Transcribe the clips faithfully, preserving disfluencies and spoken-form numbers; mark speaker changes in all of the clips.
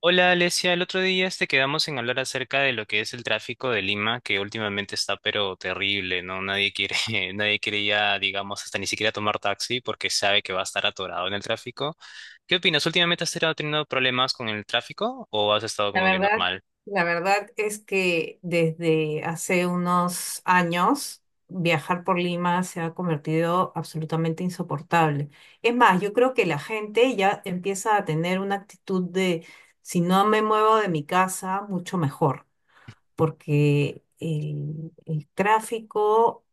Speaker 1: Hola Alesia, el otro día este quedamos en hablar acerca de lo que es el tráfico de Lima, que últimamente está pero terrible, ¿no? Nadie quiere, nadie quiere ya, digamos, hasta ni siquiera tomar taxi porque sabe que va a estar atorado en el tráfico. ¿Qué opinas? ¿Últimamente has estado teniendo problemas con el tráfico o has estado
Speaker 2: La
Speaker 1: como que
Speaker 2: verdad,
Speaker 1: normal?
Speaker 2: la verdad es que desde hace unos años viajar por Lima se ha convertido absolutamente insoportable. Es más, yo creo que la gente ya empieza a tener una actitud de si no me muevo de mi casa, mucho mejor, porque el, el tráfico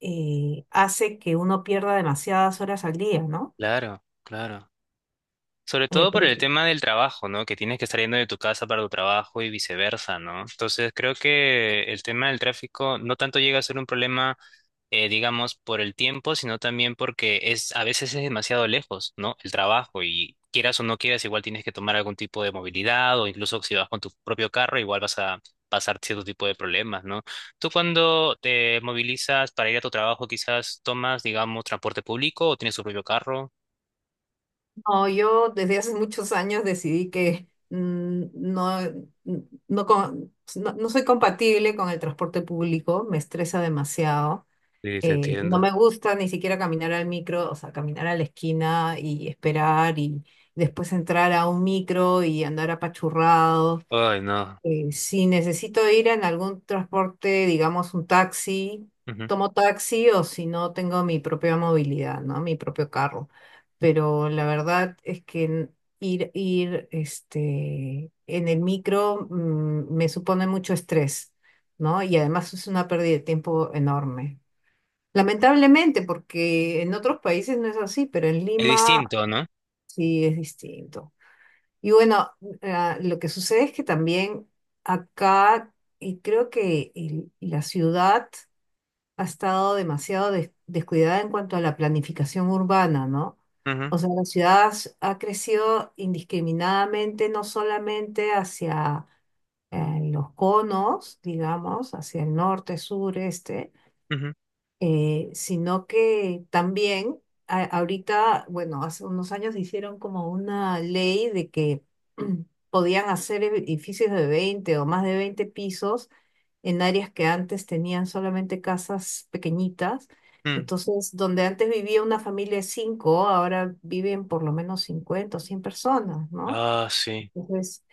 Speaker 2: eh, hace que uno pierda demasiadas horas al día, ¿no?
Speaker 1: Claro, claro. Sobre
Speaker 2: Eh,
Speaker 1: todo
Speaker 2: por
Speaker 1: por el
Speaker 2: ej-
Speaker 1: tema del trabajo, ¿no? Que tienes que estar yendo de tu casa para tu trabajo y viceversa, ¿no? Entonces creo que el tema del tráfico no tanto llega a ser un problema eh, digamos, por el tiempo, sino también porque es a veces es demasiado lejos, ¿no? El trabajo y quieras o no quieras, igual tienes que tomar algún tipo de movilidad o incluso si vas con tu propio carro, igual vas a pasar cierto tipo de problemas, ¿no? Tú cuando te movilizas para ir a tu trabajo, quizás tomas, digamos, transporte público o tienes tu propio carro.
Speaker 2: No, yo desde hace muchos años decidí que mm, no, mm, no, con- no, no soy compatible con el transporte público, me estresa demasiado.
Speaker 1: Sí, te
Speaker 2: Eh, no
Speaker 1: entiendo.
Speaker 2: me gusta ni siquiera caminar al micro, o sea, caminar a la esquina y esperar y después entrar a un micro y andar apachurrado.
Speaker 1: Ay, no.
Speaker 2: Eh, si necesito ir en algún transporte, digamos un taxi,
Speaker 1: Ujú.
Speaker 2: tomo taxi o si no tengo mi propia movilidad, ¿no? Mi propio carro. Pero la verdad es que n- ir, ir este, en el micro mm, me supone mucho estrés, ¿no? Y además es una pérdida de tiempo enorme. Lamentablemente, porque en otros países no es así, pero en
Speaker 1: Es
Speaker 2: Lima
Speaker 1: distinto, ¿no?
Speaker 2: sí es distinto. Y bueno, ah, lo que sucede es que también acá, y creo que el- la ciudad ha estado demasiado des- descuidada en cuanto a la planificación urbana, ¿no?
Speaker 1: Ujú,
Speaker 2: O sea, la ciudad s- ha crecido indiscriminadamente, no solamente hacia eh, los conos, digamos, hacia el norte, sur, este,
Speaker 1: ujú,
Speaker 2: eh, sino que también a- ahorita, bueno, hace unos años hicieron como una ley de que podían hacer edificios de veinte o más de veinte pisos en áreas que antes tenían solamente casas pequeñitas.
Speaker 1: mm.
Speaker 2: Entonces, donde antes vivía una familia de cinco, ahora viven por lo menos cincuenta o cien personas, ¿no?
Speaker 1: Ah, sí.
Speaker 2: Entonces,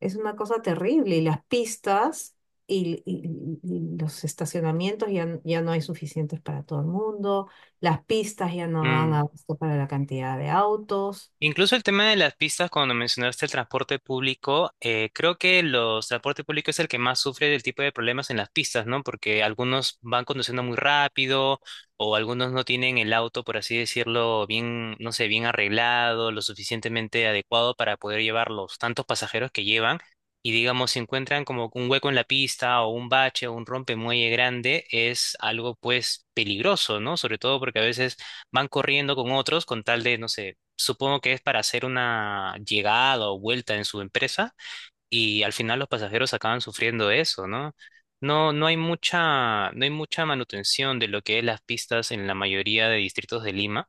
Speaker 2: es una cosa terrible y las pistas y, y- y los estacionamientos ya, n- ya no hay suficientes para todo el mundo, las pistas ya no dan
Speaker 1: Mm.
Speaker 2: abasto para la cantidad de autos.
Speaker 1: Incluso el tema de las pistas, cuando mencionaste el transporte público, eh, creo que los transporte público es el que más sufre del tipo de problemas en las pistas, ¿no? Porque algunos van conduciendo muy rápido o algunos no tienen el auto, por así decirlo, bien, no sé, bien arreglado, lo suficientemente adecuado para poder llevar los tantos pasajeros que llevan. Y digamos, si encuentran como un hueco en la pista o un bache o un rompemuelle grande, es algo pues peligroso, ¿no? Sobre todo porque a veces van corriendo con otros con tal de, no sé, supongo que es para hacer una llegada o vuelta en su empresa y al final los pasajeros acaban sufriendo eso, ¿no? No, no hay mucha, no hay mucha manutención de lo que es las pistas en la mayoría de distritos de Lima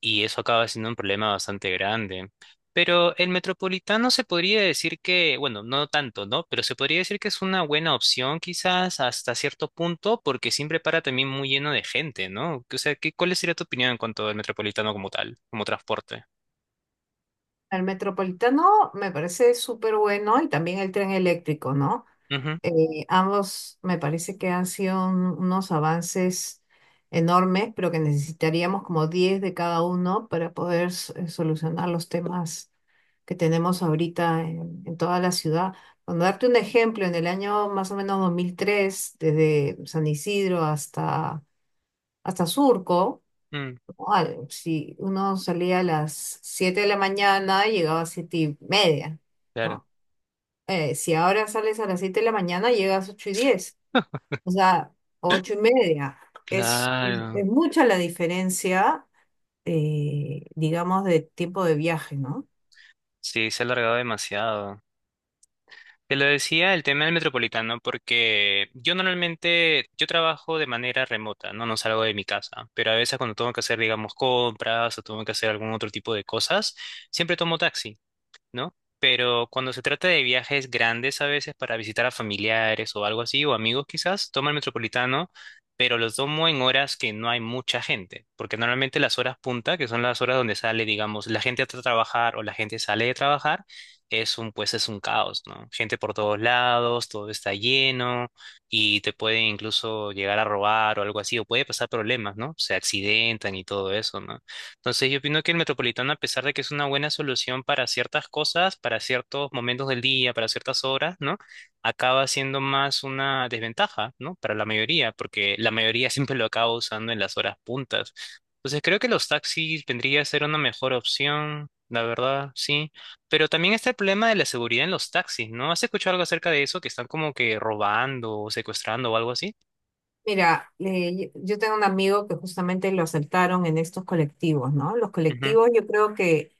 Speaker 1: y eso acaba siendo un problema bastante grande. Pero el metropolitano se podría decir que, bueno, no tanto, ¿no? Pero se podría decir que es una buena opción quizás hasta cierto punto porque siempre para también muy lleno de gente, ¿no? O sea, ¿qué, cuál sería tu opinión en cuanto al metropolitano como tal, como transporte?
Speaker 2: El metropolitano me parece súper bueno y también el tren eléctrico, ¿no? Eh, ambos me parece que han sido un- unos avances enormes, pero que necesitaríamos como diez de cada uno para poder s- eh, solucionar los temas que tenemos ahorita en, en toda la ciudad. Cuando darte un ejemplo, en el año más o menos dos mil tres, desde San Isidro hasta, hasta Surco,
Speaker 1: Mm,
Speaker 2: ¿no? Al- si uno salía a las siete de la mañana, llegaba a siete y media,
Speaker 1: claro.
Speaker 2: ¿no? Eh, si ahora sales a las siete de la mañana, llegas a ocho y diez. O sea, ocho y media. Es, es-
Speaker 1: Claro.
Speaker 2: mucha la diferencia, eh, digamos, de tiempo de viaje, ¿no?
Speaker 1: Sí, se ha alargado demasiado. Te lo decía el tema del metropolitano porque yo normalmente, yo trabajo de manera remota, ¿no? No salgo de mi casa, pero a veces cuando tengo que hacer, digamos, compras o tengo que hacer algún otro tipo de cosas, siempre tomo taxi. ¿No? Pero cuando se trata de viajes grandes a veces para visitar a familiares o algo así, o amigos quizás, toma el metropolitano, pero los tomo en horas que no hay mucha gente, porque normalmente las horas punta, que son las horas donde sale, digamos, la gente a tra- trabajar o la gente sale de trabajar, es un, pues es un caos, ¿no? Gente por todos lados, todo está lleno y te pueden incluso llegar a robar o algo así, o puede pasar problemas, ¿no? Se accidentan y todo eso, ¿no? Entonces, yo opino que el Metropolitano, a pesar de que es una buena solución para ciertas cosas, para ciertos momentos del día, para ciertas horas, ¿no? Acaba siendo más una desventaja, ¿no? Para la mayoría, porque la mayoría siempre lo acaba usando en las horas puntas. Entonces, creo que los taxis vendría a ser una mejor opción, la verdad, sí. Pero también está el problema de la seguridad en los taxis, ¿no? ¿Has escuchado algo acerca de eso? Que están como que robando o secuestrando o algo así.
Speaker 2: Mira, eh, yo yo tengo un amigo que justamente lo asaltaron en estos colectivos, ¿no? Los
Speaker 1: Ujú.
Speaker 2: colectivos yo creo que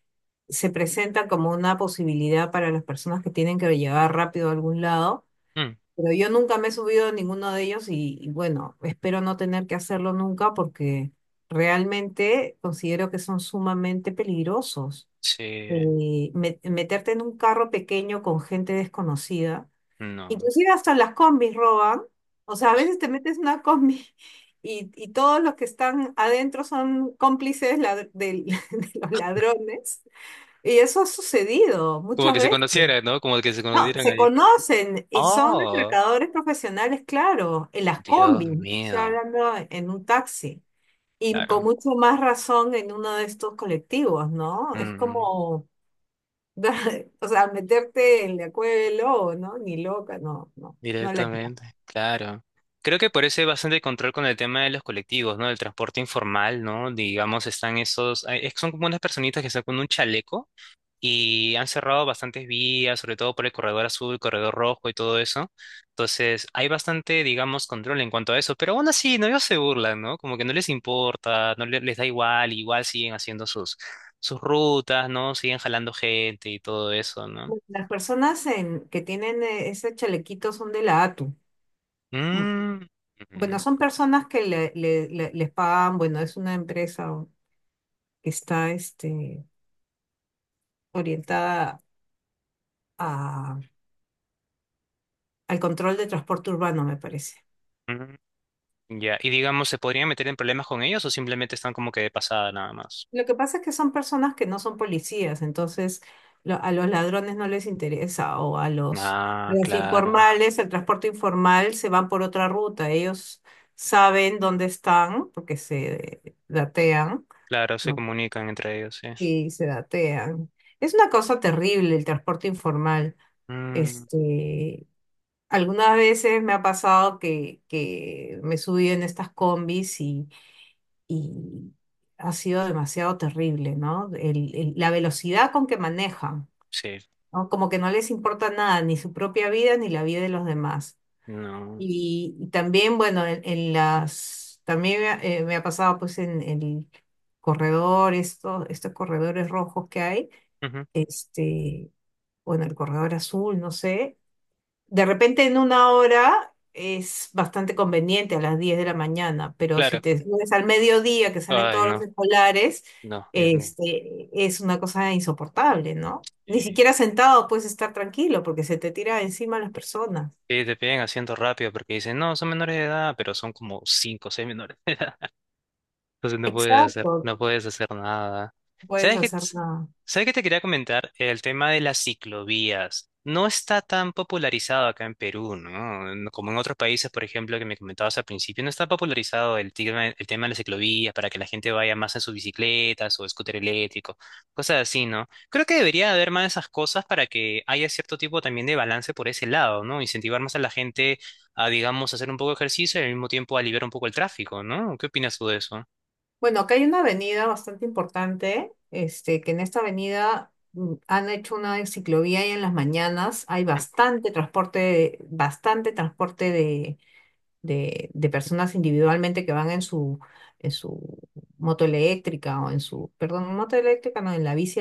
Speaker 2: se presentan como una posibilidad para las personas que tienen que llegar rápido a algún lado,
Speaker 1: Mm.
Speaker 2: pero yo nunca me he subido a ninguno de ellos y, y bueno, espero no tener que hacerlo nunca porque realmente considero que son sumamente peligrosos.
Speaker 1: Sí,
Speaker 2: Eh, me- meterte en un carro pequeño con gente desconocida.
Speaker 1: no.
Speaker 2: Inclusive hasta las combis roban. O sea, a veces te metes en una combi y, y todos los que están adentro son cómplices lad- del- de los ladrones. Y eso ha sucedido
Speaker 1: Como
Speaker 2: muchas
Speaker 1: que se
Speaker 2: veces.
Speaker 1: conocieran, ¿no? Como que se
Speaker 2: No,
Speaker 1: conocieran.
Speaker 2: se conocen y son
Speaker 1: Oh,
Speaker 2: atracadores profesionales, claro, en las
Speaker 1: Dios
Speaker 2: combis, no estoy
Speaker 1: mío.
Speaker 2: hablando en un taxi. Y con
Speaker 1: Claro.
Speaker 2: mucho más razón en uno de estos colectivos, ¿no? Es
Speaker 1: Mm,
Speaker 2: como o sea, meterte en la cueva del lobo, ¿no? Ni loca, no, no. No la-
Speaker 1: directamente, claro. Creo que por eso hay bastante control con el tema de los colectivos, ¿no? Del transporte informal, ¿no? Digamos, están esos, hay- son como unas personitas que están con un chaleco, y han cerrado bastantes vías, sobre todo por el corredor azul, corredor rojo y todo eso. Entonces, hay bastante, digamos, control en cuanto a eso, pero aún así, no, ellos se burlan, ¿no? Como que no les importa, no le- les da igual, igual siguen haciendo sus, sus rutas, ¿no? Siguen jalando gente y todo eso, ¿no?
Speaker 2: Las personas en, que tienen eh, ese chalequito son de la A T U. Mm,
Speaker 1: Mm,
Speaker 2: bueno,
Speaker 1: ujú,
Speaker 2: son personas que le- le- le- les pagan, bueno, es una empresa que está este, orientada a- al control de transporte urbano, me parece.
Speaker 1: ujú. Ya, y digamos, ¿se podrían meter en problemas con ellos o simplemente están como que de pasada nada más?
Speaker 2: Lo que pasa es que son personas que no son policías, entonces lo- a los ladrones no les interesa o a los, a
Speaker 1: Ah,
Speaker 2: los
Speaker 1: claro,
Speaker 2: informales, el transporte informal se van por otra ruta. Ellos saben dónde están porque se datean,
Speaker 1: claro, se
Speaker 2: ¿no?
Speaker 1: comunican entre ellos, sí.
Speaker 2: Y se datean. Es una cosa terrible el transporte informal.
Speaker 1: Mm,
Speaker 2: Este, algunas veces me ha pasado que, que me subí en estas combis y ha sido demasiado terrible, ¿no? El- el- la velocidad con que manejan,
Speaker 1: sí,
Speaker 2: ¿no? Como que no les importa nada, ni su propia vida, ni la vida de los demás.
Speaker 1: no.
Speaker 2: Y, y también, bueno, en, en las, también me ha, eh, me ha pasado pues en el corredor, estos, estos corredores rojos que hay, este, bueno, el corredor azul, no sé, de repente en una hora es bastante conveniente a las diez de la mañana, pero si
Speaker 1: Claro.
Speaker 2: te subes al mediodía que salen
Speaker 1: Ay,
Speaker 2: todos
Speaker 1: no,
Speaker 2: los escolares,
Speaker 1: no, Dios mío.
Speaker 2: este, es una cosa insoportable, ¿no? Ni
Speaker 1: Eh,
Speaker 2: siquiera sentado puedes estar tranquilo porque se te tira encima las personas.
Speaker 1: que te piden asiento rápido porque dicen, no, son menores de edad, pero son como cinco o seis menores. Entonces no puedes
Speaker 2: Exacto,
Speaker 1: hacer,
Speaker 2: no
Speaker 1: no puedes hacer nada.
Speaker 2: puedes
Speaker 1: ¿Sabes qué,
Speaker 2: hacer
Speaker 1: ts-
Speaker 2: nada.
Speaker 1: sabes qué te quería comentar? El tema de las ciclovías. No está tan popularizado acá en Perú, ¿no? No como en otros países, por ejemplo, que me comentabas al principio, no está popularizado el tema, el tema de la ciclovía para que la gente vaya más en sus bicicletas o scooter eléctrico, cosas así, ¿no? Creo que debería haber más de esas cosas para que haya cierto tipo también de balance por ese lado, ¿no? Incentivar más a la gente a, digamos, hacer un poco de ejercicio y al mismo tiempo aliviar un poco el tráfico, ¿no? ¿Qué opinas tú de eso?
Speaker 2: Bueno, acá hay una avenida bastante importante, este, que en esta avenida mm, han hecho una ciclovía y en las mañanas hay
Speaker 1: Mm,
Speaker 2: bastante transporte, bastante transporte de de, de personas individualmente que van en su, en su moto eléctrica o en su, perdón, moto eléctrica, no, en la bici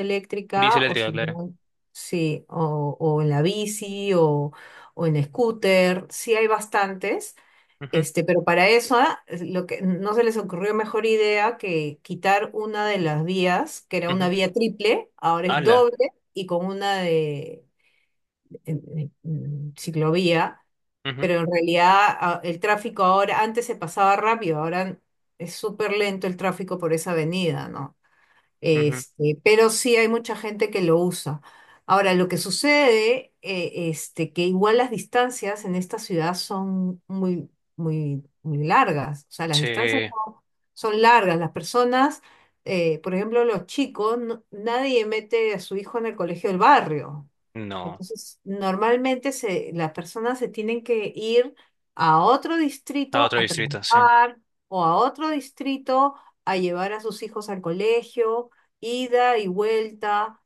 Speaker 1: bici
Speaker 2: eléctrica o
Speaker 1: eléctrica,
Speaker 2: si
Speaker 1: claro.
Speaker 2: no, sí, o, o en la bici o, o en scooter, sí hay bastantes.
Speaker 1: Ujú,
Speaker 2: Este, pero para eso, ah, es lo que no se les ocurrió mejor idea que quitar una de las vías, que era una
Speaker 1: ujú.
Speaker 2: vía triple, ahora es
Speaker 1: Ala.
Speaker 2: doble y con una de, en- en- en ciclovía
Speaker 1: Ujú,
Speaker 2: pero en realidad a- el tráfico ahora, antes se pasaba rápido, ahora es súper lento el tráfico por esa avenida, ¿no?
Speaker 1: ujú.
Speaker 2: Este, pero sí hay mucha gente que lo usa. Ahora, lo que sucede, eh, este, que igual las distancias en esta ciudad son muy, muy, muy largas. O sea, las
Speaker 1: Sí,
Speaker 2: distancias no- son largas. Las personas, eh, por ejemplo, los chicos, no- nadie mete a su hijo en el colegio del barrio.
Speaker 1: no.
Speaker 2: Entonces, normalmente se, las personas se tienen que ir a otro
Speaker 1: A
Speaker 2: distrito
Speaker 1: otro
Speaker 2: a
Speaker 1: distrito, sí.
Speaker 2: trabajar o a otro distrito a llevar a sus hijos al colegio, ida y vuelta.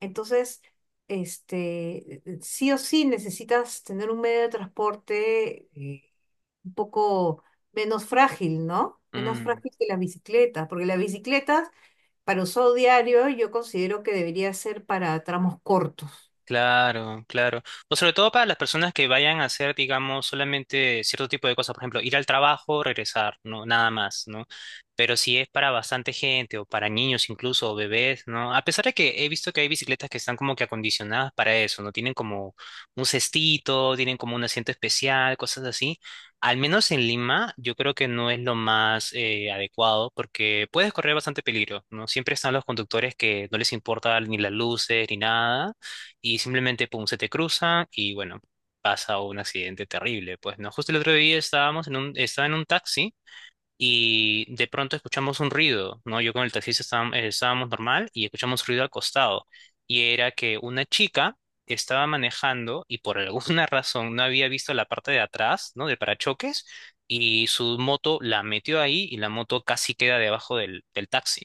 Speaker 2: Entonces, este, sí o sí necesitas tener un medio de transporte eh, un poco menos frágil, ¿no? Menos
Speaker 1: Mm.
Speaker 2: frágil que la bicicleta, porque las bicicletas para uso diario yo considero que debería ser para tramos cortos.
Speaker 1: Claro, claro. O sobre todo para las personas que vayan a hacer, digamos, solamente cierto tipo de cosas, por ejemplo, ir al trabajo, regresar, ¿no? Nada más, ¿no? Pero si es para bastante gente o para niños incluso o bebés, ¿no? A pesar de que he visto que hay bicicletas que están como que acondicionadas para eso, ¿no? Tienen como un cestito, tienen como un asiento especial, cosas así. Al menos en Lima, yo creo que no es lo más eh, adecuado porque puedes correr bastante peligro, ¿no? Siempre están los conductores que no les importa ni las luces ni nada y simplemente, pum, se te cruza y bueno, pasa un accidente terrible. Pues no, justo el otro día estábamos en un, estaba en un taxi y de pronto escuchamos un ruido, ¿no? Yo con el taxista estábam- eh, estábamos, normal y escuchamos ruido al costado y era que una chica estaba manejando y por alguna razón no había visto la parte de atrás, ¿no? Del parachoques y su moto la metió ahí y la moto casi queda debajo del, del taxi.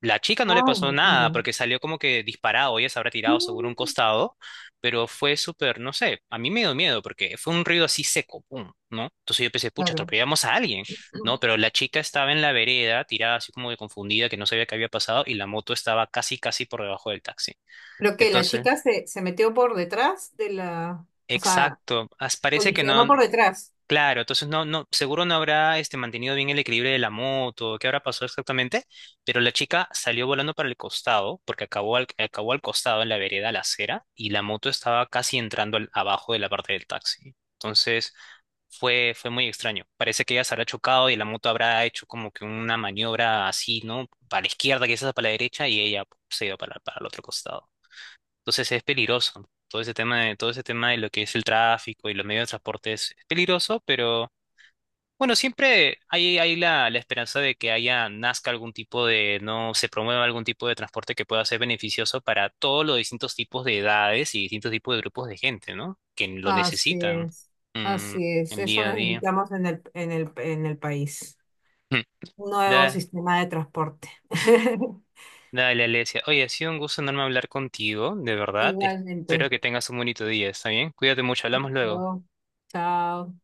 Speaker 1: La chica no le
Speaker 2: Ay,
Speaker 1: pasó
Speaker 2: me
Speaker 1: nada
Speaker 2: muero.
Speaker 1: porque salió como que disparado, ella se habrá
Speaker 2: Ah,
Speaker 1: tirado seguro a un costado, pero fue súper, no sé, a mí me dio miedo porque fue un ruido así seco, pum, ¿no? Entonces yo pensé, pucha,
Speaker 2: claro.
Speaker 1: atropellamos a alguien, ¿no? Pero la chica estaba en la vereda, tirada así como de confundida, que no sabía qué había pasado y la moto estaba casi, casi por debajo del taxi.
Speaker 2: Pero que la chica
Speaker 1: Entonces,
Speaker 2: se, se metió por detrás de la, o sea,
Speaker 1: exacto, as- parece que
Speaker 2: colisionó
Speaker 1: no.
Speaker 2: por detrás.
Speaker 1: Claro, entonces no, no, seguro no habrá este mantenido bien el equilibrio de la moto, qué habrá pasado exactamente, pero la chica salió volando para el costado, porque acabó al, acabó al costado en la vereda, a la acera, y la moto estaba casi entrando al- abajo de la parte del taxi. Entonces fue, fue muy extraño. Parece que ella se habrá chocado y la moto habrá hecho como que una maniobra así, ¿no? Para la izquierda, quizás para la derecha, y ella se iba para, para el otro costado. Entonces es peligroso. Todo ese tema de, todo ese tema de lo que es el tráfico y los medios de transporte es es peligroso, pero bueno, siempre hay, hay la, la esperanza de que haya, nazca algún tipo de, no se promueva algún tipo de transporte que pueda ser beneficioso para todos los distintos tipos de edades y distintos tipos de grupos de gente, ¿no? Que lo
Speaker 2: Así
Speaker 1: necesitan
Speaker 2: es,
Speaker 1: mm,
Speaker 2: así es.
Speaker 1: el
Speaker 2: Eso
Speaker 1: día a día.
Speaker 2: necesitamos en el, en el, en el país.
Speaker 1: Mm.
Speaker 2: Un nuevo
Speaker 1: Da-
Speaker 2: sistema de transporte.
Speaker 1: dale, Alesia. Oye, ha sido un gusto enorme hablar contigo, de verdad. Espero
Speaker 2: Igualmente.
Speaker 1: que tengas un bonito día, ¿está bien? Cuídate mucho, hablamos luego.
Speaker 2: Chao. Chao.